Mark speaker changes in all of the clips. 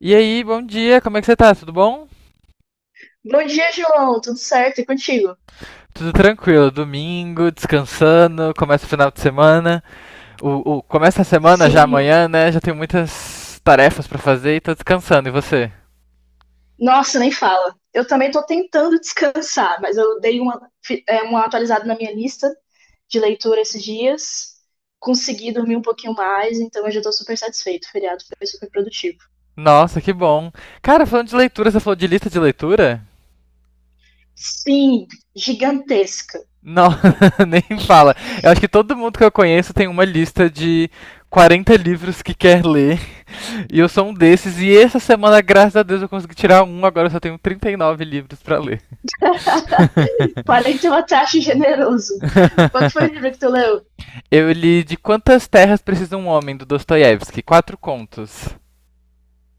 Speaker 1: E aí, bom dia, como é que você tá? Tudo bom?
Speaker 2: Bom dia, João. Tudo certo? E contigo?
Speaker 1: Tudo tranquilo, domingo, descansando, começa o final de semana. Começa a semana já
Speaker 2: Sim.
Speaker 1: amanhã, né? Já tenho muitas tarefas pra fazer e tô descansando. E você?
Speaker 2: Nossa, nem fala. Eu também estou tentando descansar, mas eu dei uma atualizada na minha lista de leitura esses dias. Consegui dormir um pouquinho mais, então eu já estou super satisfeito. O feriado foi super produtivo.
Speaker 1: Nossa, que bom. Cara, falando de leitura, você falou de lista de leitura?
Speaker 2: Sim, gigantesca.
Speaker 1: Não, nem fala. Eu acho que todo mundo que eu conheço tem uma lista de 40 livros que quer ler. E eu sou um desses. E essa semana, graças a Deus, eu consegui tirar um. Agora eu só tenho 39 livros pra ler.
Speaker 2: 41 taxa generoso. Qual que foi o livro que tu leu?
Speaker 1: Eu li De Quantas Terras Precisa um Homem, do Dostoiévski. Quatro contos.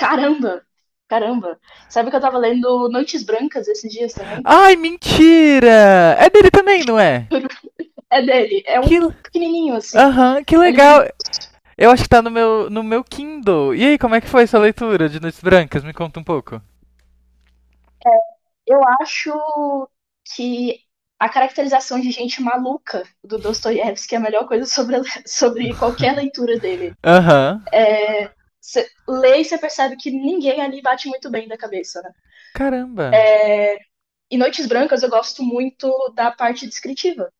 Speaker 2: Caramba! Caramba! Sabe que eu tava lendo Noites Brancas esses dias também?
Speaker 1: Ai, mentira! É dele também, não é?
Speaker 2: É dele. É
Speaker 1: Que...
Speaker 2: um pequenininho, assim.
Speaker 1: Aham, que
Speaker 2: É um livro de.
Speaker 1: legal! Eu acho que tá no meu Kindle. E aí, como é que foi sua leitura de Noites Brancas? Me conta um pouco.
Speaker 2: Eu acho que a caracterização de gente maluca do Dostoiévski é a melhor coisa sobre, sobre qualquer leitura dele.
Speaker 1: Aham. Uhum.
Speaker 2: Você lê e você percebe que ninguém ali bate muito bem da cabeça, né?
Speaker 1: Caramba.
Speaker 2: E Noites Brancas eu gosto muito da parte descritiva.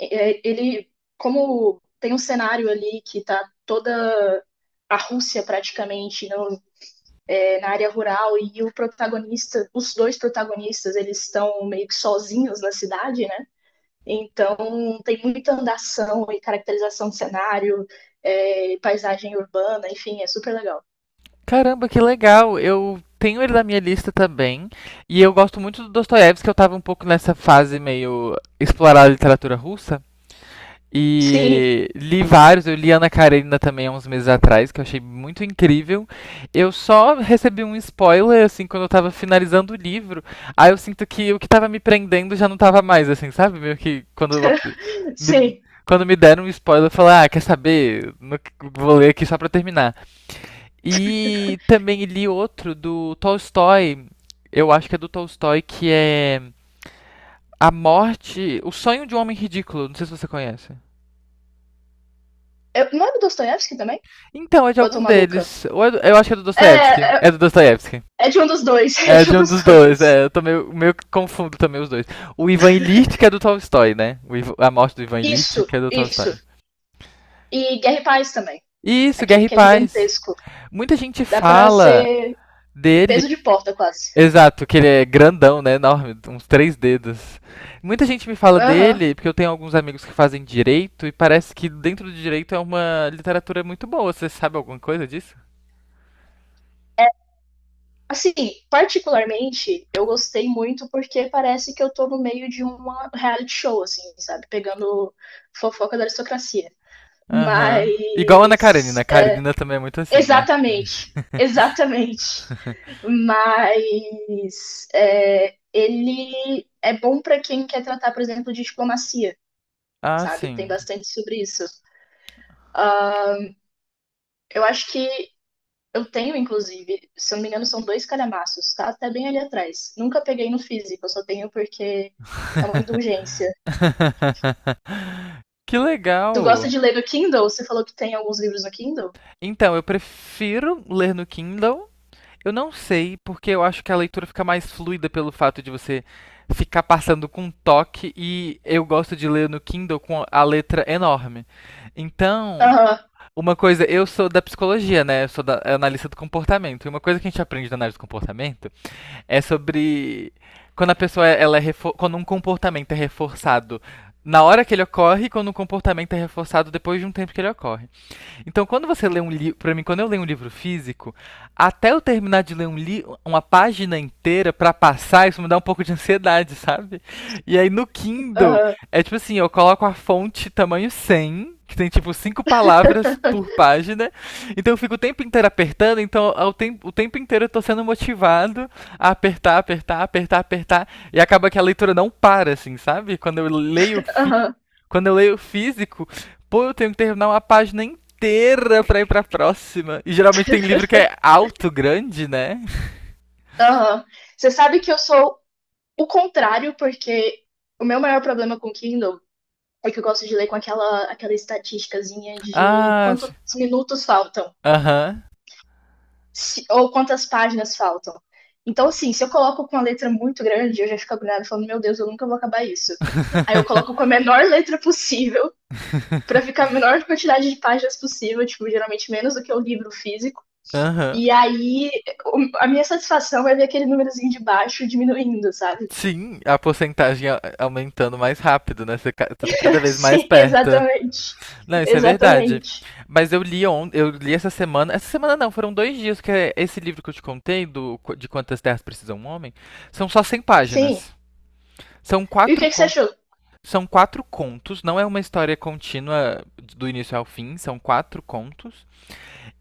Speaker 2: Ele como tem um cenário ali que tá toda a Rússia praticamente na área rural e o protagonista, os dois protagonistas, eles estão meio que sozinhos na cidade, né? Então, tem muita andação e caracterização de cenário, paisagem urbana, enfim, é super legal.
Speaker 1: Caramba, que legal. Eu tenho ele na minha lista também. E eu gosto muito do Dostoiévski, que eu tava um pouco nessa fase meio explorar a literatura russa.
Speaker 2: Sim,
Speaker 1: E li vários, eu li Ana Karenina também há uns meses atrás, que eu achei muito incrível. Eu só recebi um spoiler, assim, quando eu tava finalizando o livro. Aí eu sinto que o que tava me prendendo já não tava mais, assim, sabe? Meio que me,
Speaker 2: sim.
Speaker 1: quando me deram um spoiler, eu falei, ah, quer saber? Vou ler aqui só pra terminar. E também li outro do Tolstói, eu acho que é do Tolstói, que é A Morte, O Sonho de um Homem Ridículo, não sei se você conhece.
Speaker 2: Não é do Dostoiévski também?
Speaker 1: Então, é de
Speaker 2: Ou eu tô
Speaker 1: algum
Speaker 2: maluca?
Speaker 1: deles. Eu acho que é do Dostoiévski.
Speaker 2: É, é,
Speaker 1: É do Dostoiévski.
Speaker 2: é de um dos dois, é
Speaker 1: É
Speaker 2: de um
Speaker 1: de um
Speaker 2: dos
Speaker 1: dos dois,
Speaker 2: dois.
Speaker 1: é. Eu tô meio que confundo também os dois. O Ivan Ilitch, que é do Tolstói, né? A morte do Ivan Ilitch,
Speaker 2: Isso,
Speaker 1: que é do Tolstói.
Speaker 2: isso. E Guerra e Paz também,
Speaker 1: Isso, Guerra
Speaker 2: aquele
Speaker 1: e
Speaker 2: que é
Speaker 1: Paz.
Speaker 2: gigantesco.
Speaker 1: Muita gente
Speaker 2: Dá pra
Speaker 1: fala
Speaker 2: ser
Speaker 1: dele.
Speaker 2: peso de porta quase.
Speaker 1: Exato, que ele é grandão, né? Enorme, uns três dedos. Muita gente me fala
Speaker 2: Aham.
Speaker 1: dele, porque eu tenho alguns amigos que fazem direito, e parece que dentro do direito é uma literatura muito boa. Você sabe alguma coisa disso?
Speaker 2: Assim, particularmente, eu gostei muito porque parece que eu tô no meio de uma reality show, assim, sabe? Pegando fofoca da aristocracia.
Speaker 1: Aham. Igual a Ana
Speaker 2: Mas.
Speaker 1: Karenina. A
Speaker 2: é,
Speaker 1: Karenina também é muito assim, né?
Speaker 2: Exatamente, exatamente. Ele é bom pra quem quer tratar, por exemplo, de diplomacia,
Speaker 1: Ah,
Speaker 2: sabe? Tem
Speaker 1: sim.
Speaker 2: bastante sobre isso. Ah, eu acho que eu tenho, inclusive, se eu não me engano, são dois calhamaços, tá até bem ali atrás. Nunca peguei no físico, eu só tenho porque é uma indulgência.
Speaker 1: Que
Speaker 2: Tu gosta
Speaker 1: legal!
Speaker 2: de ler no Kindle? Você falou que tem alguns livros no Kindle?
Speaker 1: Então, eu prefiro ler no Kindle. Eu não sei, porque eu acho que a leitura fica mais fluida pelo fato de você ficar passando com um toque e eu gosto de ler no Kindle com a letra enorme. Então,
Speaker 2: Aham,
Speaker 1: uma coisa, eu sou da psicologia, né? Eu sou da analista do comportamento. E uma coisa que a gente aprende na análise do comportamento é sobre quando a pessoa ela quando um comportamento é reforçado na hora que ele ocorre, e quando um comportamento é reforçado depois de um tempo que ele ocorre. Então, quando você lê um livro, para mim, quando eu leio um livro físico, até eu terminar de ler um li uma página inteira para passar, isso me dá um pouco de ansiedade, sabe? E aí no Kindle,
Speaker 2: aham,
Speaker 1: é tipo assim, eu coloco a fonte tamanho 100, que tem tipo cinco palavras por página. Então eu fico o tempo inteiro apertando, então o tempo inteiro eu tô sendo motivado a apertar, apertar, apertar, apertar, e acaba que a leitura não para assim, sabe? Quando eu leio físico,
Speaker 2: aham,
Speaker 1: quando eu leio físico, pô, eu tenho que terminar uma página inteira pra ir pra próxima. E geralmente tem livro que é alto, grande, né?
Speaker 2: aham. Você sabe que eu sou o contrário, porque o meu maior problema com o Kindle é que eu gosto de ler com aquela estatísticazinha de
Speaker 1: Ah,
Speaker 2: quantos
Speaker 1: sim.
Speaker 2: minutos faltam.
Speaker 1: Aham.
Speaker 2: Ou quantas páginas faltam. Então, assim, se eu coloco com uma letra muito grande, eu já fico agoniada falando, meu Deus, eu nunca vou acabar isso. Aí eu
Speaker 1: Uhum.
Speaker 2: coloco com a menor letra possível, pra ficar a menor quantidade de páginas possível, tipo, geralmente menos do que o livro físico.
Speaker 1: Aham. Uhum.
Speaker 2: E aí, a minha satisfação é ver aquele númerozinho de baixo diminuindo, sabe?
Speaker 1: Sim, a porcentagem aumentando mais rápido, né? Você tá cada vez mais
Speaker 2: Sim,
Speaker 1: perto.
Speaker 2: exatamente.
Speaker 1: Não, isso é verdade.
Speaker 2: Exatamente.
Speaker 1: Mas eu li eu li essa semana. Essa semana não, foram dois dias, que é esse livro que eu te contei, de Quantas Terras Precisa um Homem, são só cem
Speaker 2: Sim.
Speaker 1: páginas. São
Speaker 2: E o
Speaker 1: quatro
Speaker 2: que que você
Speaker 1: contos.
Speaker 2: achou?
Speaker 1: São quatro contos, não é uma história contínua do início ao fim, são quatro contos.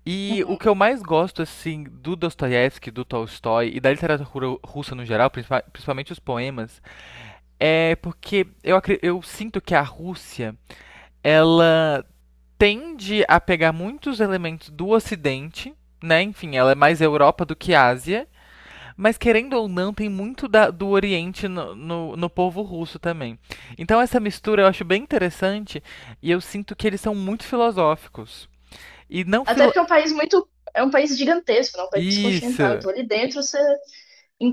Speaker 1: E o
Speaker 2: Uhum.
Speaker 1: que eu mais gosto, assim, do Dostoiévski, do Tolstói e da literatura russa no geral, principalmente os poemas, é porque eu sinto que a Rússia, ela tende a pegar muitos elementos do Ocidente, né? Enfim, ela é mais Europa do que Ásia, mas querendo ou não, tem muito do Oriente no povo russo também. Então essa mistura eu acho bem interessante e eu sinto que eles são muito filosóficos. E não
Speaker 2: Até
Speaker 1: filo...
Speaker 2: porque é um país muito. É um país gigantesco, não? É um país continental.
Speaker 1: Isso!
Speaker 2: Então, ali dentro, você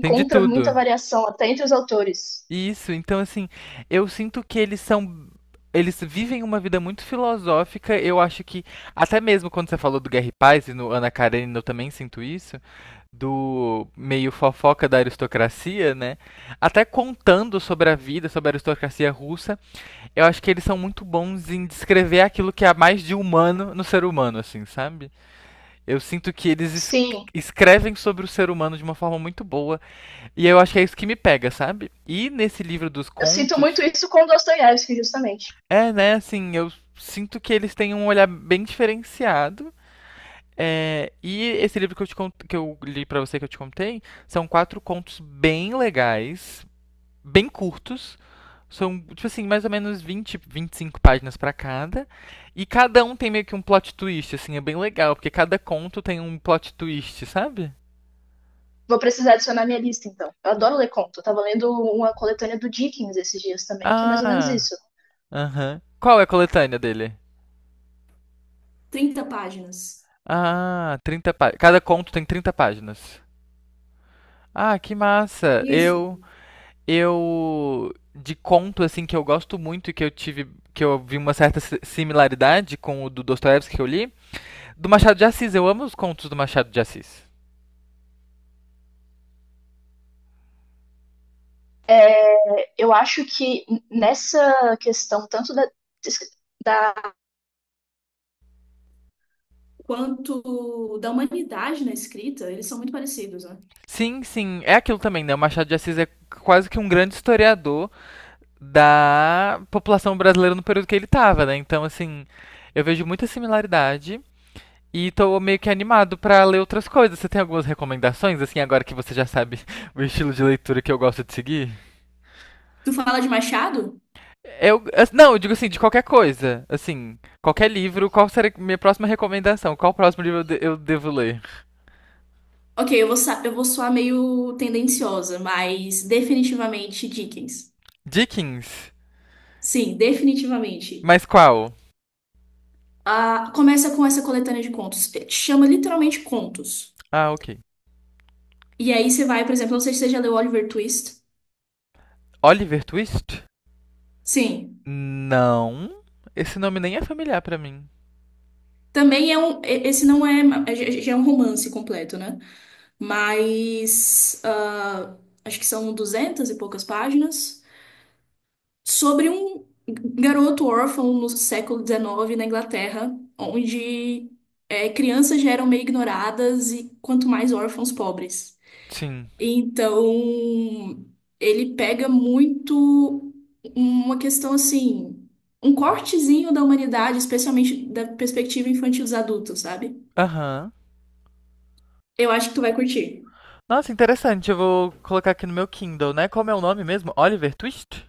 Speaker 1: Tem de
Speaker 2: muita
Speaker 1: tudo.
Speaker 2: variação até entre os autores.
Speaker 1: Isso, então assim, eu sinto que eles são. Eles vivem uma vida muito filosófica. Eu acho que, até mesmo quando você falou do Guerra e Paz, e no Ana Karenina eu também sinto isso, do meio fofoca da aristocracia, né? Até contando sobre a vida, sobre a aristocracia russa, eu acho que eles são muito bons em descrever aquilo que há mais de humano no ser humano, assim, sabe? Eu sinto que eles
Speaker 2: Sim,
Speaker 1: escrevem sobre o ser humano de uma forma muito boa e eu acho que é isso que me pega, sabe? E nesse livro dos
Speaker 2: eu sinto muito
Speaker 1: contos,
Speaker 2: isso com Dostoiévski, justamente.
Speaker 1: é, né, assim, eu sinto que eles têm um olhar bem diferenciado. É, e esse livro que que eu li pra você, que eu te contei, são quatro contos bem legais, bem curtos. São, tipo assim, mais ou menos 20 a 25 páginas pra cada. E cada um tem meio que um plot twist, assim, é bem legal, porque cada conto tem um plot twist, sabe?
Speaker 2: Vou precisar adicionar minha lista, então. Eu adoro ler conto. Eu tava lendo uma coletânea do Dickens esses dias também, que é mais ou menos
Speaker 1: Ah,
Speaker 2: isso.
Speaker 1: aham. Qual é a coletânea dele? Ah, 30 páginas. Cada conto tem 30 páginas. Ah, que massa. Eu de conto assim que eu gosto muito e que eu vi uma certa similaridade com o do Dostoiévski que eu li, do Machado de Assis. Eu amo os contos do Machado de Assis.
Speaker 2: Eu acho que nessa questão, tanto da quanto da humanidade na escrita, eles são muito parecidos, né?
Speaker 1: Sim, sim, é aquilo também, né? O Machado de Assis é quase que um grande historiador da população brasileira no período que ele estava, né? Então, assim, eu vejo muita similaridade. E tô meio que animado pra ler outras coisas. Você tem algumas recomendações, assim, agora que você já sabe o estilo de leitura que eu gosto de seguir?
Speaker 2: Tu fala de Machado?
Speaker 1: Não, eu digo assim, de qualquer coisa. Assim, qualquer livro, qual será minha próxima recomendação? Qual próximo livro eu devo ler?
Speaker 2: Ok, eu vou soar meio tendenciosa, mas definitivamente Dickens.
Speaker 1: Dickens.
Speaker 2: Sim, definitivamente.
Speaker 1: Mas qual?
Speaker 2: Ah, começa com essa coletânea de contos. Chama literalmente contos.
Speaker 1: Ah, ok.
Speaker 2: E aí você vai, por exemplo, não sei se você já leu Oliver Twist.
Speaker 1: Oliver Twist?
Speaker 2: Sim.
Speaker 1: Não. Esse nome nem é familiar pra mim.
Speaker 2: Também é um. Esse não é. Já já é um romance completo, né? Mas. ah, acho que são 200 e poucas páginas. Sobre um garoto órfão no século XIX na Inglaterra, onde crianças já eram meio ignoradas e quanto mais órfãos pobres.
Speaker 1: Sim.
Speaker 2: Então, ele pega muito uma questão assim, um cortezinho da humanidade, especialmente da perspectiva infantil dos adultos, sabe?
Speaker 1: Aham.
Speaker 2: Eu acho que tu vai curtir.
Speaker 1: Nossa, interessante. Eu vou colocar aqui no meu Kindle, né? Como é o nome mesmo? Oliver Twist?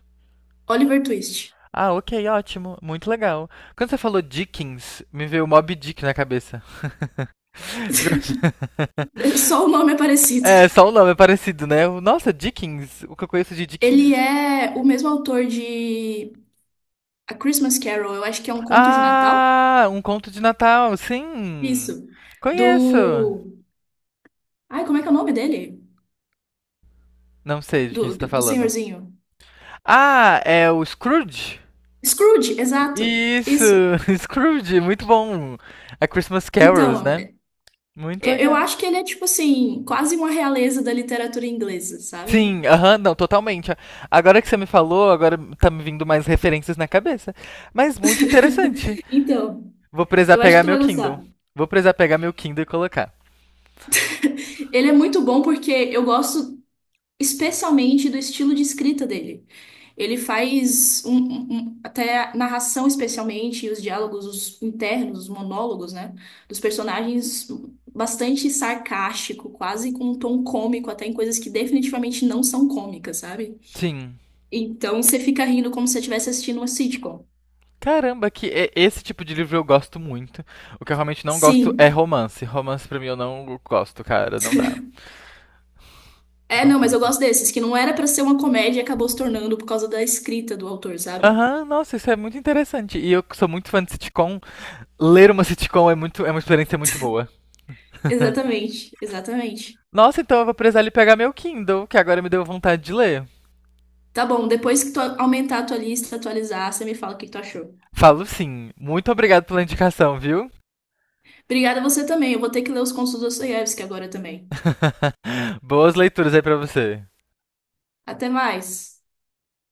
Speaker 2: Oliver Twist.
Speaker 1: Ah, ok, ótimo. Muito legal. Quando você falou Dickens, me veio Moby Dick na cabeça. Ficou-
Speaker 2: So,
Speaker 1: É, só o nome é parecido, né? Nossa, Dickens. O que eu conheço de Dickens?
Speaker 2: ele é o mesmo autor que A Christmas Carol, é um conto de Natal?
Speaker 1: Ah, um conto de Natal, sim.
Speaker 2: Isso.
Speaker 1: Conheço.
Speaker 2: Do. Ai, como é que é o nome dele?
Speaker 1: Não sei de quem
Speaker 2: Do,
Speaker 1: você tá
Speaker 2: do, do
Speaker 1: falando.
Speaker 2: senhorzinho.
Speaker 1: Ah, é o Scrooge?
Speaker 2: Scrooge, exato.
Speaker 1: Isso,
Speaker 2: Isso.
Speaker 1: Scrooge, muito bom. A Christmas Carols,
Speaker 2: Então,
Speaker 1: né? Muito
Speaker 2: eu
Speaker 1: legal.
Speaker 2: acho que ele é tipo assim, quase uma realeza da literatura inglesa, sabe?
Speaker 1: Sim, aham, não, totalmente. Agora que você me falou, agora tá me vindo mais referências na cabeça. Mas muito interessante.
Speaker 2: Então,
Speaker 1: Vou precisar
Speaker 2: eu acho que
Speaker 1: pegar
Speaker 2: tu
Speaker 1: meu
Speaker 2: vai
Speaker 1: Kindle.
Speaker 2: gostar.
Speaker 1: Vou precisar pegar meu Kindle e colocar.
Speaker 2: Ele é muito bom porque eu gosto especialmente do estilo de escrita dele. Ele faz até a narração, especialmente, e os diálogos os internos, os monólogos, né? Dos personagens bastante sarcástico, quase com um tom cômico, até em coisas que definitivamente não são cômicas, sabe?
Speaker 1: Sim.
Speaker 2: Então você fica rindo como se você estivesse assistindo uma sitcom.
Speaker 1: Caramba, esse tipo de livro eu gosto muito. O que eu realmente não gosto é
Speaker 2: Sim.
Speaker 1: romance. Romance pra mim eu não gosto, cara, não dá.
Speaker 2: É,
Speaker 1: Não.
Speaker 2: não, mas eu gosto desses, que não era pra ser uma comédia e acabou se tornando por causa da escrita do autor, sabe?
Speaker 1: Aham, nossa, isso é muito interessante. E eu que sou muito fã de sitcom. Ler uma sitcom é muito, é uma experiência muito boa.
Speaker 2: Exatamente, exatamente.
Speaker 1: Nossa, então eu vou precisar ali pegar meu Kindle, que agora me deu vontade de ler.
Speaker 2: Tá bom, depois que tu aumentar a tua lista, atualizar, você me fala o que tu achou.
Speaker 1: Falo sim. Muito obrigado pela indicação, viu?
Speaker 2: Obrigada a você também. Eu vou ter que ler os contos do Dostoiévski agora também.
Speaker 1: Boas leituras aí pra você.
Speaker 2: Até mais.